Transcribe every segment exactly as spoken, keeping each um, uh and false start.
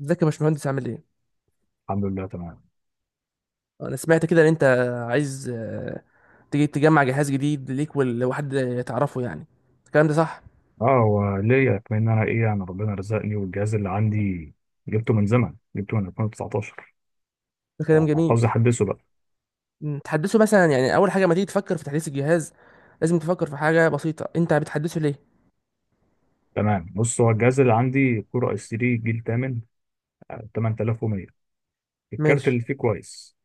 تذكر مش مهندس عملين؟ الحمد لله تمام. نسميتها كذا اللي أنت عايز تيجي تجمع جهاز جديد ليك ولا واحد يتعرفه يعني. الكلام ده صح؟ اه، هو ليا كمان إن انا ايه انا ربنا رزقني، والجهاز اللي عندي جبته من زمن جبته من الفين وتسعطاشر الكلام جميل. فعاوز احدثه بقى. م، تحدثه، بس أنا يعني أول حاجة ما تيجي تفكر في تحديث الجهاز لازم تفكر في حاجة بسيطة. أنت بتحدسه ليه؟ تمام، بص، هو الجهاز اللي عندي كور اس تلاتة جيل ثمانية، آه، تمانية الاف ومية. الكارت مش اللي فيه كويس،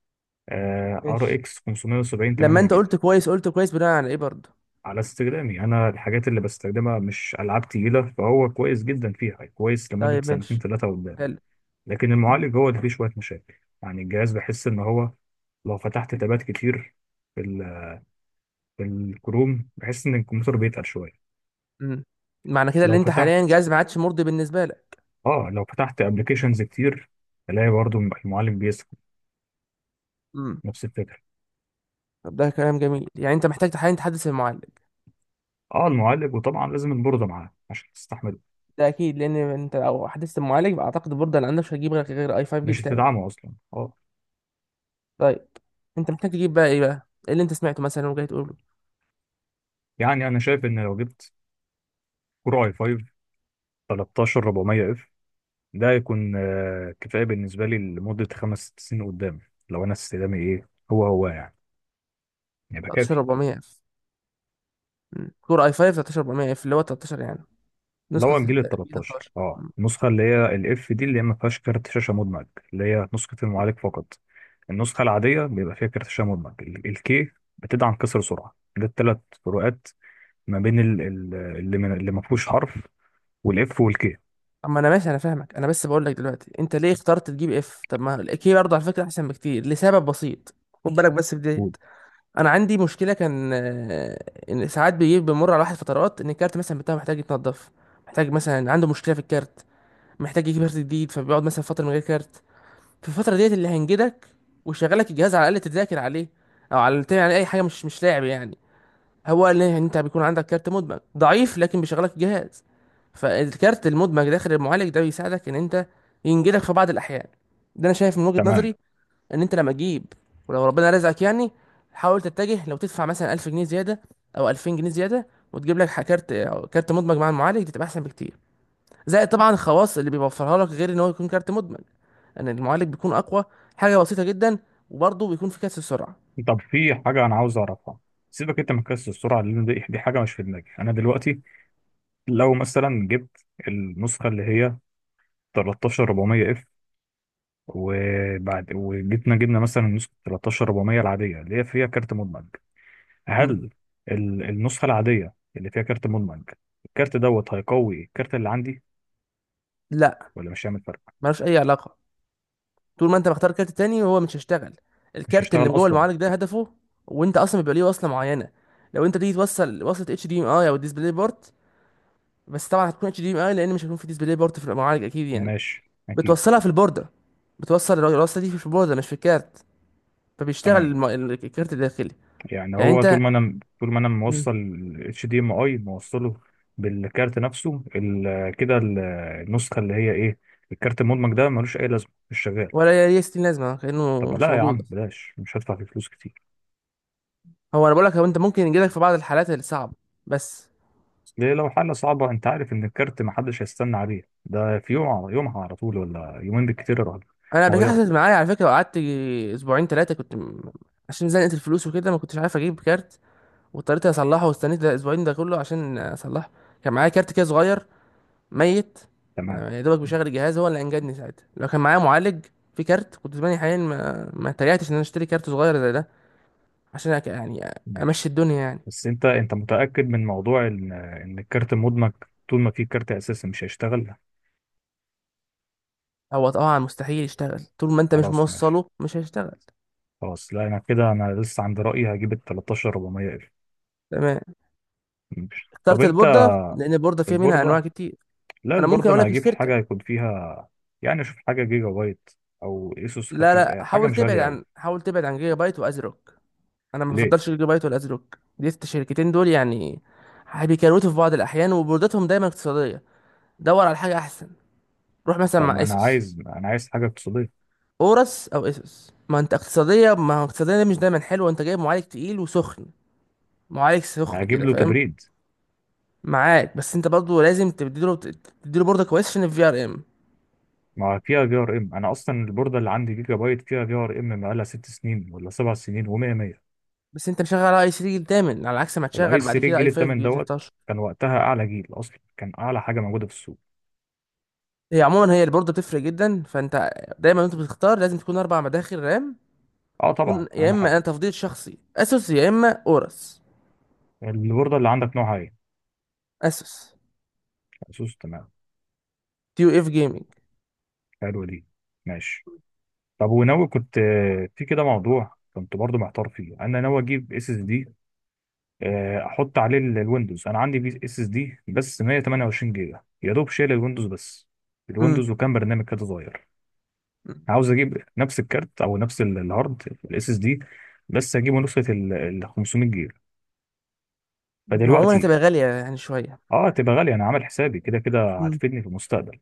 آه، ار مش. اكس خمسمية وسبعين لما تمانية أنت جيجا. قلت كويس قلت كويس بنا عن أي برد. على استخدامي انا، الحاجات اللي بستخدمها مش العاب تقيله، فهو كويس جدا فيها، كويس لمده ده سنتين مش ثلاثه قدام. هل؟ لكن المعالج هو اللي فيه شويه مشاكل، يعني الجهاز بحس ان هو لو فتحت تابات كتير في الكروم بحس ان الكمبيوتر بيتقل شويه. أمم معنا كذا اللي لو أنت حاليا فتحت جاز بعدش مردي بالنسبة لك. اه لو فتحت ابلكيشنز كتير الاقي برضو المعالج بيسخن، أمم نفس الفكره. هذا كلام جميل. يعني أنت محتاجة حاليا تحدث المال. اه، المعالج، وطبعا لازم البورده معاه عشان تستحمله، ده اكيد، لان انت لو حدثت المعالج اعتقد البورده اللي عندك مش هتجيب غير غير اي خمسة جيل مش تاني. تدعمه اصلا، اه. طيب انت محتاج تجيب بقى ايه بقى ايه اللي انت سمعته مثلا وجاي تقول له؟ يعني انا شايف ان لو جبت كور اي خمسة تلتاشر أربعمائة اف ده هيكون آه، كفايه بالنسبه لي لمده خمس ست سنين قدام، لو انا استخدامي ايه هو هو يعني، يبقى كافي. ثلاثة عشر اربعمية اف؟ كور اي خمسة ثلاثة عشر اربعمية اف اللي هو ثلاثة عشر يعني، اللي نسخه هو ال الجيل ال تلتاشر، ثلاتاشر. اه مم. النسخه اللي هي الاف، دي اللي هي ما فيهاش كارت شاشه مدمج، اللي هي نسخه المعالج فقط. النسخه العاديه بيبقى فيها كارت شاشه مدمج، الكي بتدعم كسر سرعه. ده الثلاث فروقات ما بين ال- ال- اللي من اللي ما فيهوش حرف والاف والكي. اما انا ماشي، انا فاهمك، انا بس بقول لك دلوقتي انت ليه اخترت تجيب اف؟ طب ما الاكي برضه على فكره احسن بكتير لسبب بسيط. خد بالك بس في ديت. انا عندي مشكله كان آه، ان ساعات بيجي بمر على واحد فترات ان الكارت مثلا بتاعه محتاج يتنضف، محتاج مثلا عنده مشكله في الكارت، محتاج يجيب كارت جديد، فبيقعد مثلا فتره من غير كارت. في الفتره ديت اللي هينجدك ويشغلك الجهاز على الاقل تذاكر عليه، او على يعني اي حاجه، مش مش لاعب يعني. هو قال لي ان انت بيكون عندك كارت مدمج ضعيف لكن بيشغلك الجهاز، فالكارت المدمج داخل المعالج ده بيساعدك ان انت ينجدك في بعض الاحيان. ده انا شايف من وجهة تمام. نظري ان انت لما تجيب، ولو ربنا رزقك يعني، حاول تتجه لو تدفع مثلا الف جنيه زياده او الفين جنيه زياده وتجيب لك ح- كارت، كارت مدمج مع المعالج، دي تبقى احسن بكتير. زائد طبعا الخواص اللي بيوفرها لك غير ان هو يكون كارت مدمج، ان المعالج بيكون اقوى، حاجه بسيطه جدا، وبرضه بيكون في كاس السرعه. طب، في حاجه انا عاوز اعرفها. سيبك انت من كسر السرعه، لان دي دي حاجه مش في دماغي انا دلوقتي. لو مثلا جبت النسخه اللي هي تلتاشر اربعمية اف، وبعد وجبنا جبنا مثلا نسخة تلتاشر اربعمية العادية اللي هي فيها كارت مدمج، مم. هل ال- النسخة العادية اللي فيها كارت مدمج الكارت دوت هيقوي الكارت اللي عندي لا، ولا مش هيعمل فرق؟ ملوش اي علاقه. طول ما انت مختار كارت تاني هو مش هيشتغل. مش الكارت اللي هيشتغل جوه أصلا؟ المعالج ده هدفه، وانت اصلا بيبقى ليه وصله معينه. لو انت تيجي توصل وصله اتش دي ام اي او ديسبلاي بورت، بس طبعا هتكون اتش دي ام اي لان مش هيكون في ديسبلاي بورت في المعالج اكيد يعني، ماشي، أكيد. بتوصلها في البورده. بتوصل الوصله دي في البورده مش في الكارت، فبيشتغل تمام، الم- الكارت الداخلي. يعني يعني هو انت، طول ما أنا طول ما أنا مم. موصل ال اتش دي ام اي موصله بالكارت نفسه، ال- كده ال- النسخة اللي هي إيه، الكارت المدمج ده ملوش أي لازمة، مش شغال. ولا ليه ستين لازمة، كأنه طب مش لا يا موجود عم، أصلا. بلاش، مش هدفع فيه فلوس كتير. هو أنا بقولك، هو أنت ممكن يجيلك في بعض الحالات الصعبة بس. ليه؟ لو حالة صعبة انت عارف ان الكارت محدش هيستنى عليه، ده في يوم يومها، على طول، ولا يومين بالكتير يا راجل. أنا قبل كده مغيره. حصلت معايا على فكرة وقعدت أسبوعين تلاتة كنت م- عشان زنقت الفلوس وكده ما كنتش عارف أجيب كارت، واضطريت أصلحه واستنيت الأسبوعين ده كله عشان أصلحه. كان معايا كارت كده صغير ميت، تمام ما- يا دوبك بيشغل الجهاز، هو اللي أنجدني ساعتها. لو كان معايا معالج في كارت كنت زماني حاليا ما ما اتريقتش إن أنا أشتري كارت صغير زي ده عشان أك- يعني ماشي، أمشي الدنيا يعني. بس انت انت متأكد من موضوع ان ان الكارت مدمج طول ما في كارت اساسي مش هيشتغل؟ هو طبعا مستحيل يشتغل، طول ما أنت مش خلاص ماشي. موصله مش هيشتغل. خلاص، لا انا كده، انا لسه عند رأيي، هجيب ال تلتاشر اربعمية اف. تمام. ماشي، طب اخترت انت. البوردة؟ لأن البوردة فيها منها أنواع البوردة، كتير. لا أنا ممكن البوردة أقول انا لك هجيب الشركة. حاجة يكون فيها، يعني اشوف حاجة جيجا بايت او اسوس، لا خفيف، لا، حاجة حاول مش تبعد غالية قوي. عن حاول تبعد عن جيجا بايت وأزروك. أنا ما ليه؟ بفضلش جيجا بايت ولا أزروك، دي الشركتين دول يعني بيكروتوا في بعض الأحيان وبوردتهم دايما اقتصادية. دور على حاجة أحسن. روح مثلا طب مع ما انا إيسوس، عايز انا عايز حاجة اقتصادية. أورس أو إيسوس. ما أنت اقتصادية، ما هو اقتصادية دي مش دايما حلوة. أنت جايب معالج تقيل وسخن، معالج سخن هجيب كده له فاهم تبريد. معاك، بس أنت برضه لازم تديله تديله بوردة كويسة عشان الفي ار ام. ما فيها في ار ام، انا اصلا البورده اللي عندي جيجا بايت فيها في ار ام بقالها ست سنين ولا سبع سنين و100 مائة. بس انت مشغل اي ثلاثة جيل تامن، على عكس ما الاي تشغل اس بعد تلاتة كده الجيل اي خمسة الثامن جيل ثلاتاشر. دوت كان وقتها اعلى جيل، اصلا كان اعلى حاجه موجوده في السوق. هي عموما هي البوردة بتفرق جدا، فانت دايما وانت بتختار لازم تكون اربع مداخل رام، اه وتكون طبعا، يا اهم اما، حاجه. انا تفضيل شخصي، اسوس يا اما اورس. البورده اللي عندك نوعها ايه؟ اسوس اسوس. تمام، تيو اف جيمنج. حلوه دي. ماشي. طب وناوي، كنت آه، في كده موضوع كنت برضو محتار فيه، انا ناوي اجيب اس اس دي، احط عليه ال- الويندوز. انا عندي اس اس دي بس مية وتمانية وعشرين جيجا، يا دوب شايل الويندوز بس، امم الويندوز وكام برنامج كده صغير. عاوز اجيب نفس الكارت او نفس ال- الهارد الاس اس دي، بس اجيبه نسخه ال ال خمسمية جيجا. عموما فدلوقتي، هتبقى غالية يعني شوية. اه تبقى غاليه، انا عامل حسابي، كده كده امم هتفيدني في المستقبل.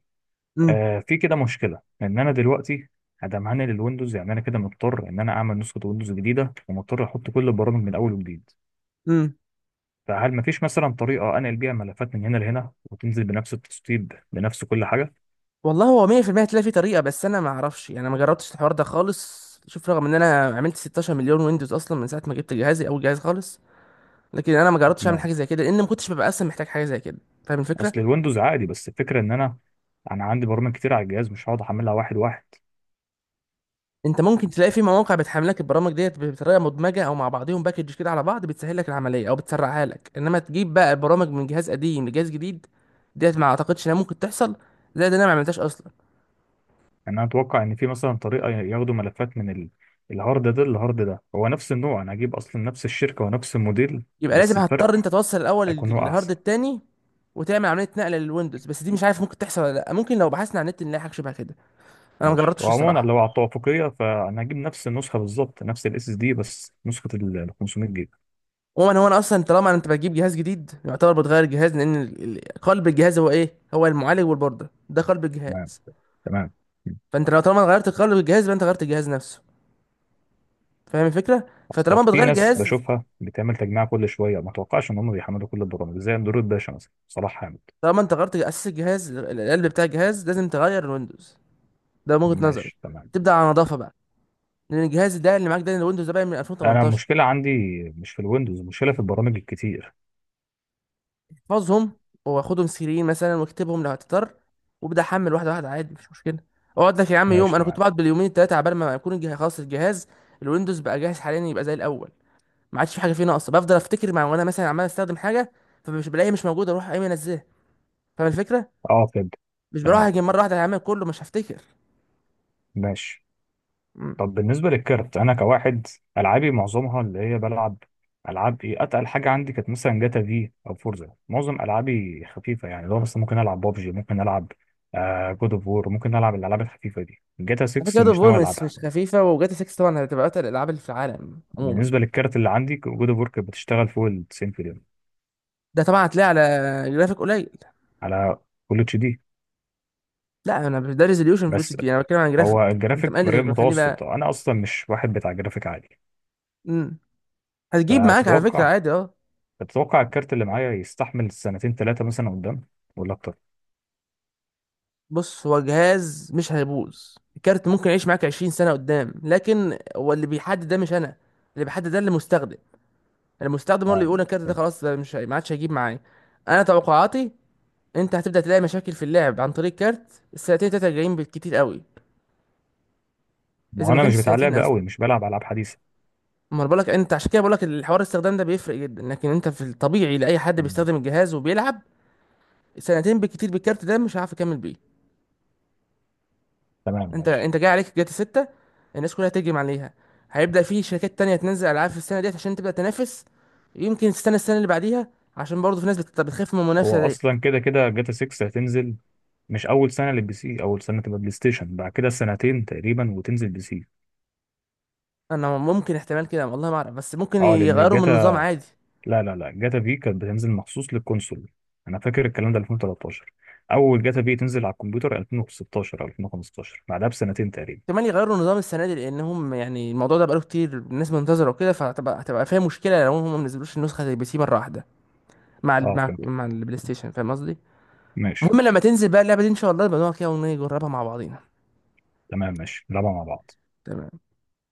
امم آه في كده مشكله، ان انا دلوقتي ادم هنقل الويندوز، يعني انا كده مضطر ان انا اعمل نسخه ويندوز جديده ومضطر احط كل البرامج من اول وجديد، امم فهل مفيش مثلا طريقه آه، انقل بيها ملفات من هنا لهنا وتنزل بنفس التسطيب بنفس كل حاجه؟ والله هو مية في المية هتلاقي في طريقة، بس انا ما اعرفش، انا ما جربتش الحوار ده خالص. شوف، رغم ان انا عملت ستاشر مليون ويندوز اصلا من ساعة ما جبت جهازي اول جهاز خالص، لكن انا ما جربتش اعمل تمام. حاجه زي كده لان ما كنتش ببقى اصلا محتاج حاجه زي كده. فاهم الفكره. اصل الويندوز عادي، بس الفكره ان انا، انا عندي برامج كتير على الجهاز مش هقعد احملها واحد واحد. انت ممكن تلاقي في مواقع بتحمل لك البرامج ديت بطريقه مدمجه، او مع بعضهم باكج كده على بعض، بتسهل لك العمليه او بتسرعها لك، انما تجيب بقى برامج من جهاز قديم لجهاز جديد ديت ما اعتقدش انها ممكن تحصل، زائد إن انا ما عملتهاش اصلا. يعني انا اتوقع ان في مثلا طريقه ياخدوا ملفات من ال- الهارد ده للهارد ده، هو نفس النوع، انا هجيب اصلا نفس الشركه ونفس الموديل، يبقى لازم بس الفرق هتضطر انت توصل الاول هيكون هو الهارد احسن. التاني، وتعمل عمليه نقل للويندوز، بس دي مش عارف ممكن تحصل ولا لا. ممكن لو بحثنا على النت نلاقي حاجه شبه كده. انا ما ماشي، جربتش وعموما الصراحه. لو على التوافقيه، فانا هجيب نفس النسخه بالظبط، نفس الاس اس دي بس نسخه ال خمسمية جيجا. عموما هو، انا اصلا طالما انت بتجيب جهاز جديد، يعتبر بتغير الجهاز، لان ال- ال- قلب الجهاز هو ايه، هو المعالج والبوردة، ده قلب تمام. الجهاز. تمام. فانت لو طالما غيرت قلب الجهاز، يبقى انت غيرت الجهاز نفسه. فاهم الفكره؟ اصلا فطالما في بتغير ناس الجهاز، بشوفها بتعمل تجميع كل شويه، ما اتوقعش ان هم بيحملوا كل البرامج، زي اندرويد باشا مثلا، صلاح حامد. طالما انت غيرت اساس الجهاز، ال- القلب بتاع الجهاز، لازم تغير الويندوز. ده من وجهة نظري. ماشي تمام. تبدا على نظافه بقى، لان الجهاز ده اللي معاك، ده الويندوز ده بقى من انا الفين وتمنتاشر. المشكله عندي مش في الويندوز، المشكله في البرامج الكتير. احفظهم، واخدهم سيرين مثلا واكتبهم لو هتضطر، وابدا احمل واحده واحده عادي مفيش مشكله. اقعد لك يا عم ماشي يوم، انا كنت تمام. بقعد باليومين التلاته عبال ما يكون الجهاز خلاص، الجهاز الويندوز بقى جاهز حاليا يبقى زي الاول. ما عادش في حاجه فيه ناقصه بفضل افتكر، مع وانا مثلا عمال استخدم حاجه فمش بلاقيها، مش موجوده، اروح قايم انزلها. فاهم الفكره؟ اه فهمت. مش بروح تمام اجي مره واحده هعمل كله، مش هفتكر. ماشي. مم. طب بالنسبة للكارت، أنا كواحد، ألعابي معظمها اللي هي بلعب، ألعاب إيه، أتقل حاجة عندي كانت مثلا جاتا في أو فورزا، معظم ألعابي خفيفة. يعني لو مثلا ممكن ألعب بابجي، ممكن ألعب جود أوف وور، ممكن ألعب الألعاب الخفيفة دي. جاتا على فكره ستة جاد اوف مش ناوي وور مش ألعبها. مش خفيفه، وجاتا ستة طبعا هتبقى اتقل الالعاب اللي في العالم عموما. بالنسبة للكارت اللي عندي جود أوف وور كانت بتشتغل فوق ال تسعين فريم، ده طبعا هتلاقي على جرافيك قليل. على فول اتش دي. لا، انا مش- ده ريزوليوشن في الاتش بس دي، انا بتكلم عن هو جرافيك. انت الجرافيك مريض مقلل، خليه متوسط، بقى. أنا أصلا مش واحد بتاع جرافيك عالي. امم هتجيب معاك على فكرة فتتوقع عادي، اه. تتوقع الكارت اللي معايا يستحمل سنتين ثلاثة مثلا قدام ولا أكتر؟ بص، هو جهاز مش هيبوظ، الكارت ممكن يعيش معاك عشرين سنة قدام، لكن هو اللي بيحدد ده مش انا. اللي بيحدد ده المستخدم. المستخدم هو اللي تمام، يقول الكارت ده حلو. خلاص، ده مش هي- ما عادش هيجيب معايا. انا توقعاتي انت هتبدأ تلاقي مشاكل في اللعب عن طريق كارت السنتين تلاتة جايين بالكتير قوي، ما هو اذا ما انا كانش مش بتاع سنتين لعبه قوي، اصلا. مش بلعب العاب حديثه. امال بقولك انت، عشان كده بقولك الحوار الاستخدام ده بيفرق جدا، لكن انت في الطبيعي لاي حد تمام بيستخدم الجهاز وبيلعب سنتين بالكتير بالكارت ده مش هيعرف يكمل بيه. تمام انت ماشي. انت جاي عليك جاتا ستة، الناس كلها تهجم عليها، هيبدأ في شركات تانية تنزل ألعاب في السنة ديت عشان تبدأ تنافس. يمكن تستنى السنة اللي بعديها، عشان برضه في ناس بت- بتخاف من المنافسة هو دي. اصلا كده كده جاتا ستة هتنزل مش اول سنه للبي سي، اول سنه تبقى بلاي ستيشن، بعد كده سنتين تقريبا وتنزل بي سي. أنا ممكن احتمال كده، والله ما أعرف، بس ممكن اه لان يغيروا من النظام جاتا، عادي. لا لا لا، جاتا في كانت بتنزل مخصوص للكونسول، انا فاكر الكلام ده ألفين وتلتاشر. اول جاتا في تنزل على الكمبيوتر ألفين وستاشر او ألفين وخمستاشر بعدها بسنتين تقريبا. احتمال يغيروا النظام السنة دي، لأنهم يعني الموضوع ده بقاله كتير الناس منتظرة وكده، فهتبقى هتبقى فيها مشكلة لو هم ما نزلوش النسخة زي البي سي مرة واحدة مع ال... اه مع فهمت. مع البلاي ستيشن. فاهم قصدي؟ ماشي المهم لما تنزل بقى اللعبة دي إن شاء الله نبقى نقعد كده ونجربها مع بعضينا. تمام ماشي نلعبها مع بعض. تمام.